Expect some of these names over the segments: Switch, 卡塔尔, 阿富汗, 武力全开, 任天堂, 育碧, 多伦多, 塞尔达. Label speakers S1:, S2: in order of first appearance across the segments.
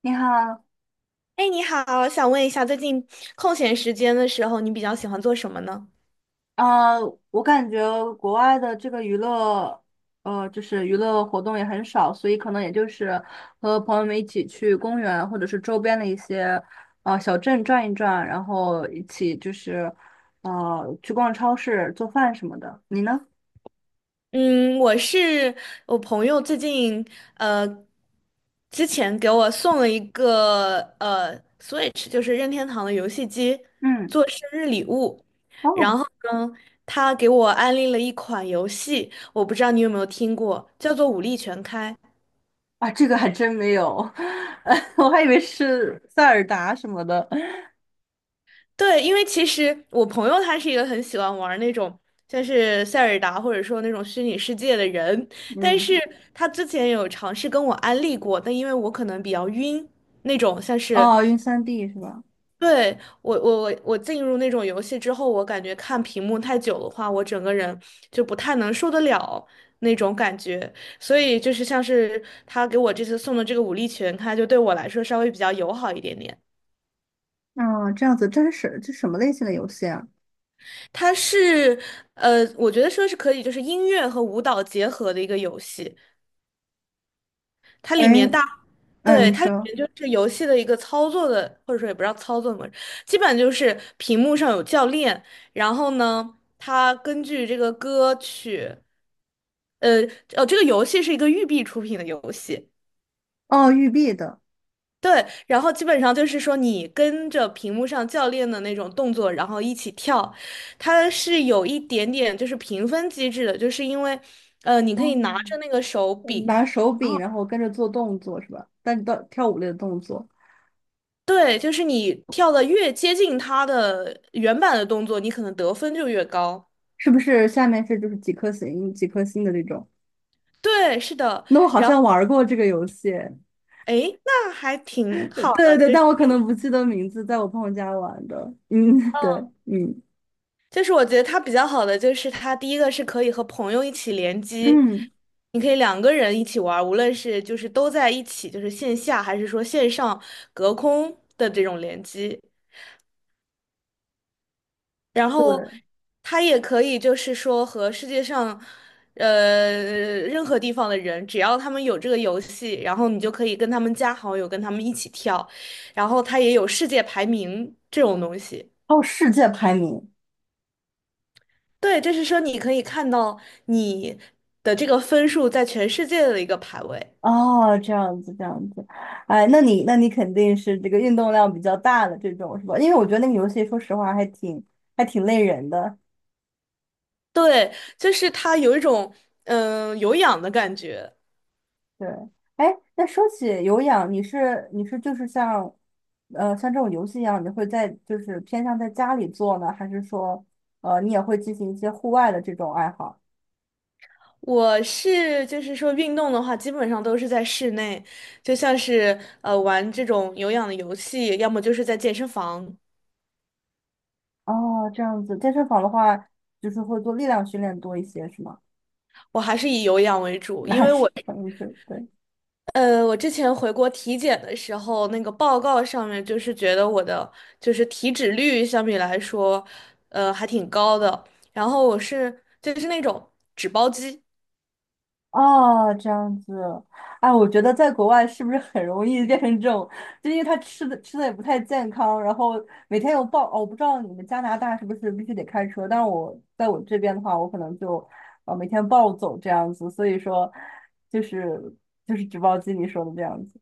S1: 你好。
S2: 哎，你好，想问一下，最近空闲时间的时候，你比较喜欢做什么呢？
S1: 呃，我感觉国外的这个娱乐，就是娱乐活动也很少，所以可能也就是和朋友们一起去公园或者是周边的一些小镇转一转，然后一起就是去逛超市、做饭什么的。你呢？
S2: 嗯，我是我朋友最近呃，之前给我送了一个Switch，就是任天堂的游戏机，
S1: 嗯。
S2: 做生日礼物。
S1: 哦。
S2: 然后呢，他给我安利了一款游戏，我不知道你有没有听过，叫做《武力全开》。
S1: 啊，这个还真没有，我还以为是塞尔达什么的。
S2: 对，因为其实我朋友他是一个很喜欢玩那种像是塞尔达或者说那种虚拟世界的人，但
S1: 嗯。
S2: 是他之前有尝试跟我安利过，但因为我可能比较晕，那种像是
S1: 哦，晕三 d 是吧？
S2: 对我进入那种游戏之后，我感觉看屏幕太久的话，我整个人就不太能受得了那种感觉，所以就是像是他给我这次送的这个武力全开，就对我来说稍微比较友好一点点。
S1: 哦，这样子，真是什这什么类型的游戏啊？
S2: 它是，我觉得说是可以，就是音乐和舞蹈结合的一个游戏。它
S1: 哎。
S2: 里面大，
S1: 嗯，
S2: 对，
S1: 你
S2: 它里
S1: 说。
S2: 面就是游戏的一个操作的，或者说也不知道操作模么，基本就是屏幕上有教练，然后呢，他根据这个歌曲，呃，哦，这个游戏是一个育碧出品的游戏，
S1: 哦，玉璧的。
S2: 对，然后基本上就是说，你跟着屏幕上教练的那种动作，然后一起跳，它是有一点点就是评分机制的，就是因为，你
S1: 哦，
S2: 可以拿着那个手柄，
S1: 拿手
S2: 然
S1: 柄，
S2: 后
S1: 然后跟着做动作是吧？但是到跳舞类的动作，
S2: 对，就是你跳的越接近它的原版的动作，你可能得分就越高。
S1: 是不是下面是就是几颗星、几颗星的这种？
S2: 对，是的，
S1: 那我好
S2: 然后
S1: 像玩过这个游戏，
S2: 诶，那还挺
S1: 对
S2: 好的，
S1: 对对，
S2: 就
S1: 但我可
S2: 嗯。
S1: 能不记得名字，在我朋友家玩的。嗯，对。嗯
S2: 就是我觉得它比较好的就是它第一个是可以和朋友一起联机，
S1: 嗯，
S2: 你可以两个人一起玩儿无论是就是都在一起，就是线下还是说线上隔空的这种联机。然后
S1: 对。
S2: 它也可以就是说和世界上呃任何地方的人，只要他们有这个游戏，然后你就可以跟他们加好友，跟他们一起跳。然后它也有世界排名这种东西。
S1: 哦，世界排名。
S2: 对，就是说你可以看到你的这个分数在全世界的一个排位。
S1: 哦，这样子这样子。哎，那你肯定是这个运动量比较大的这种是吧？因为我觉得那个游戏说实话还挺还挺累人的。
S2: 对，就是它有一种有氧的感觉。
S1: 对。哎，那说起有氧，你是就是像，像这种游戏一样，你会在就是偏向在家里做呢，还是说，你也会进行一些户外的这种爱好？
S2: 我是就是说运动的话，基本上都是在室内，就像是玩这种有氧的游戏，要么就是在健身房。
S1: 哦，这样子，健身房的话，就是会做力量训练多一些，是吗？
S2: 我还是以有氧为 主，
S1: 那
S2: 因
S1: 还
S2: 为
S1: 是，
S2: 我
S1: 还是对。
S2: 我之前回国体检的时候，那个报告上面就是觉得我的就是体脂率相比来说，还挺高的。然后我是就是那种纸包肌，
S1: 哦，这样子。哎，我觉得在国外是不是很容易变成这种，就因为他吃的也不太健康，然后每天有暴，哦，我不知道你们加拿大是不是必须得开车，但是我在我这边的话，我可能就每天暴走这样子，所以说就是就是纸包机你说的这样子。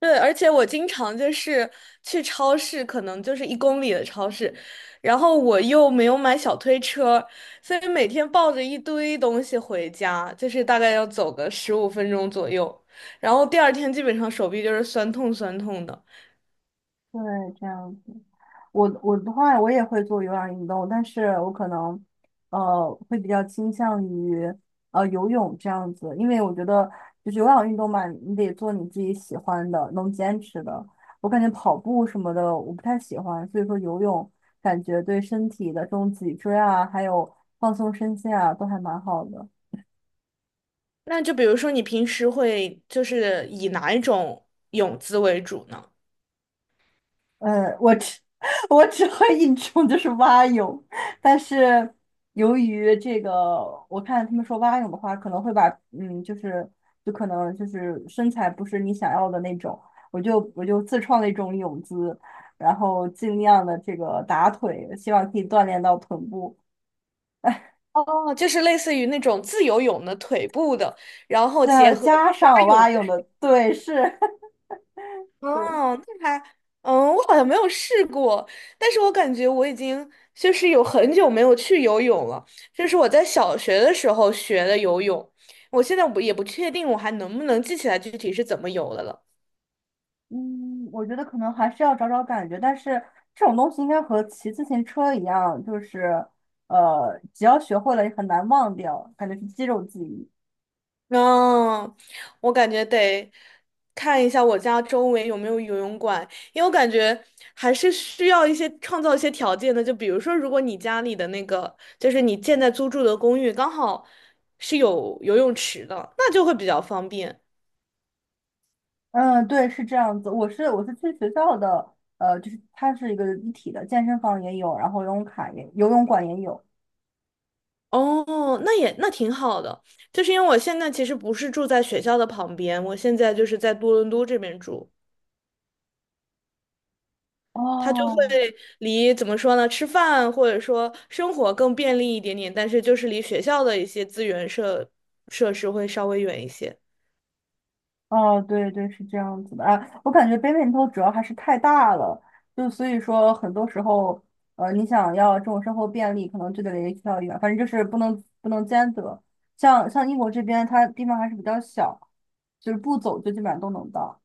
S2: 对，而且我经常就是去超市，可能就是1公里的超市，然后我又没有买小推车，所以每天抱着一堆东西回家，就是大概要走个15分钟左右，然后第二天基本上手臂就是酸痛酸痛的。
S1: 对，这样子。我的话，我也会做有氧运动，但是我可能会比较倾向于游泳这样子，因为我觉得就是有氧运动嘛，你得做你自己喜欢的，能坚持的。我感觉跑步什么的我不太喜欢，所以说游泳感觉对身体的这种脊椎啊，还有放松身心啊，都还蛮好的。
S2: 那就比如说，你平时会就是以哪一种泳姿为主呢？
S1: 我只 我只会一种，就是蛙泳。但是由于这个，我看他们说蛙泳的话，可能会把嗯，就是可能就是身材不是你想要的那种，我就自创了一种泳姿，然后尽量的这个打腿，希望可以锻炼到臀部。
S2: 哦，就是类似于那种自由泳的腿部的，然后结
S1: 再
S2: 合
S1: 加
S2: 蛙
S1: 上
S2: 泳
S1: 蛙
S2: 的。
S1: 泳的，对，是，对。
S2: 哦，那还，嗯，我好像没有试过，但是我感觉我已经就是有很久没有去游泳了，就是我在小学的时候学的游泳，我现在不也不确定我还能不能记起来具体是怎么游的了。
S1: 嗯，我觉得可能还是要找找感觉，但是这种东西应该和骑自行车一样，就是只要学会了也很难忘掉，感觉是肌肉记忆。
S2: 嗯，我感觉得看一下我家周围有没有游泳馆，因为我感觉还是需要一些创造一些条件的。就比如说，如果你家里的那个，就是你现在租住的公寓刚好是有游泳池的，那就会比较方便。
S1: 嗯，对，是这样子。我是去学校的，就是它是一个一体的，健身房也有，然后游泳馆也有。
S2: 哦，那也那挺好的，就是因为我现在其实不是住在学校的旁边，我现在就是在多伦多这边住。它就会
S1: 哦。
S2: 离怎么说呢，吃饭或者说生活更便利一点点，但是就是离学校的一些资源设施会稍微远一些。
S1: 哦，对对，是这样子的啊。我感觉北美头主要还是太大了，就所以说很多时候，你想要这种生活便利，可能就得离学校远，反正就是不能兼得。像英国这边，它地方还是比较小，就是不走就基本上都能到。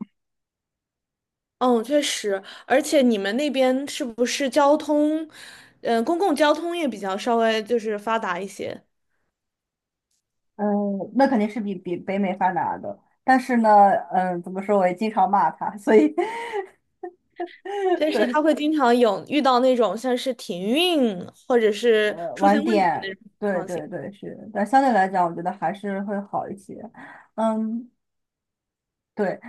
S2: 嗯，确实，而且你们那边是不是交通，嗯、公共交通也比较稍微就是发达一些，
S1: 嗯，那肯定是比北美发达的。但是呢，嗯，怎么说，我也经常骂它，所以
S2: 但是它
S1: 对。
S2: 会经常有遇到那种像是停运或者是出现
S1: 晚
S2: 问题的
S1: 点，
S2: 那种情
S1: 对
S2: 况
S1: 对对，是。但相对来讲，我觉得还是会好一些。嗯，对。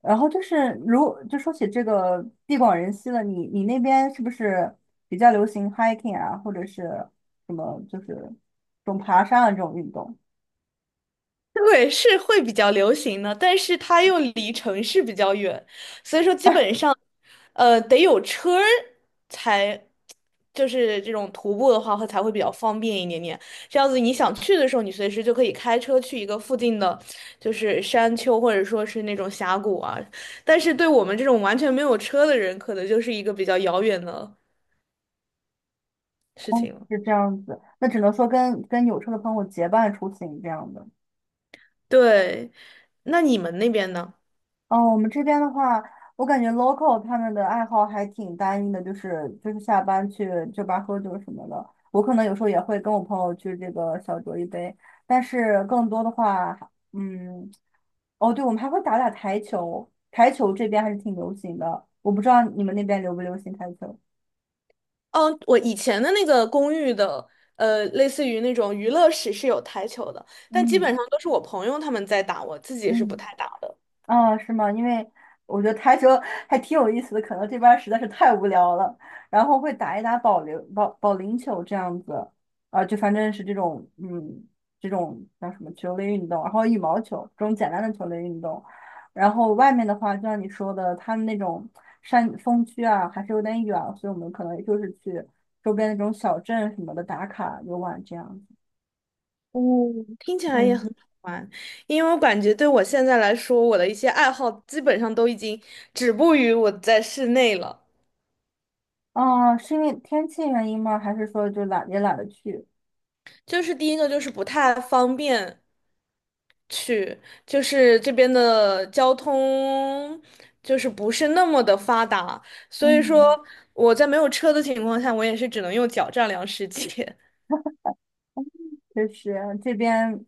S1: 然后就是说起这个地广人稀了，你那边是不是比较流行 hiking 啊，或者是什么就是这种爬山啊这种运动？
S2: 对，是会比较流行的，但是它又离城市比较远，所以说基本上，得有车儿才，就是这种徒步的话会才会比较方便一点点。这样子你想去的时候，你随时就可以开车去一个附近的，就是山丘或者说是那种峡谷啊。但是对我们这种完全没有车的人，可能就是一个比较遥远的事情了。
S1: 是这样子，那只能说跟有车的朋友结伴出行这样的。
S2: 对，那你们那边呢？
S1: 哦，我们这边的话，我感觉 local 他们的爱好还挺单一的，就是下班去酒吧喝酒什么的。我可能有时候也会跟我朋友去这个小酌一杯，但是更多的话，嗯，哦，对，我们还会打打台球，台球这边还是挺流行的。我不知道你们那边流不流行台球。
S2: 嗯，我以前的那个公寓的，类似于那种娱乐室是有台球的，但基
S1: 嗯
S2: 本上都是我朋友他们在打，我自己是不
S1: 嗯。
S2: 太打的。
S1: 啊，是吗？因为我觉得台球还挺有意思的，可能这边儿实在是太无聊了，然后会打一打保保龄球这样子，啊，就反正是这种这种叫什么球类运动，然后羽毛球这种简单的球类运动，然后外面的话，就像你说的，他们那种山风区啊，还是有点远，所以我们可能就是去周边那种小镇什么的打卡游玩这样子。
S2: 哦，听起来也很
S1: 嗯。
S2: 好玩，因为我感觉对我现在来说，我的一些爱好基本上都已经止步于我在室内了。
S1: 啊，是因为天气原因吗？还是说就懒也懒得去？
S2: 就是第一个就是不太方便，去，就是这边的交通就是不是那么的发达，所以说
S1: 嗯。
S2: 我在没有车的情况下，我也是只能用脚丈量世界。
S1: 确实这边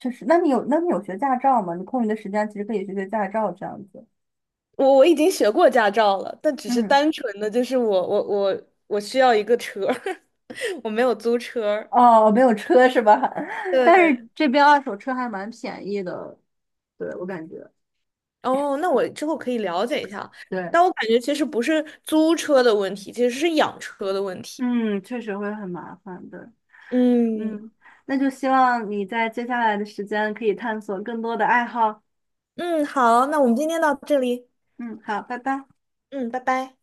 S1: 确实。那你有那你有学驾照吗？你空余的时间其实可以学学驾照这样子。
S2: 我已经学过驾照了，但只是
S1: 嗯。
S2: 单纯的就是我需要一个车儿 我没有租车儿
S1: 哦，没有车是吧？但是
S2: 对，
S1: 这边二手车还蛮便宜的，对，我感觉。
S2: 哦，那我之后可以了解一下，
S1: 对。
S2: 但我感觉其实不是租车的问题，其实是养车的问题。
S1: 嗯，确实会很麻烦的。
S2: 嗯
S1: 嗯，那就希望你在接下来的时间可以探索更多的爱好。
S2: 嗯，好，那我们今天到这里，
S1: 嗯，好，拜拜。
S2: 嗯，拜拜。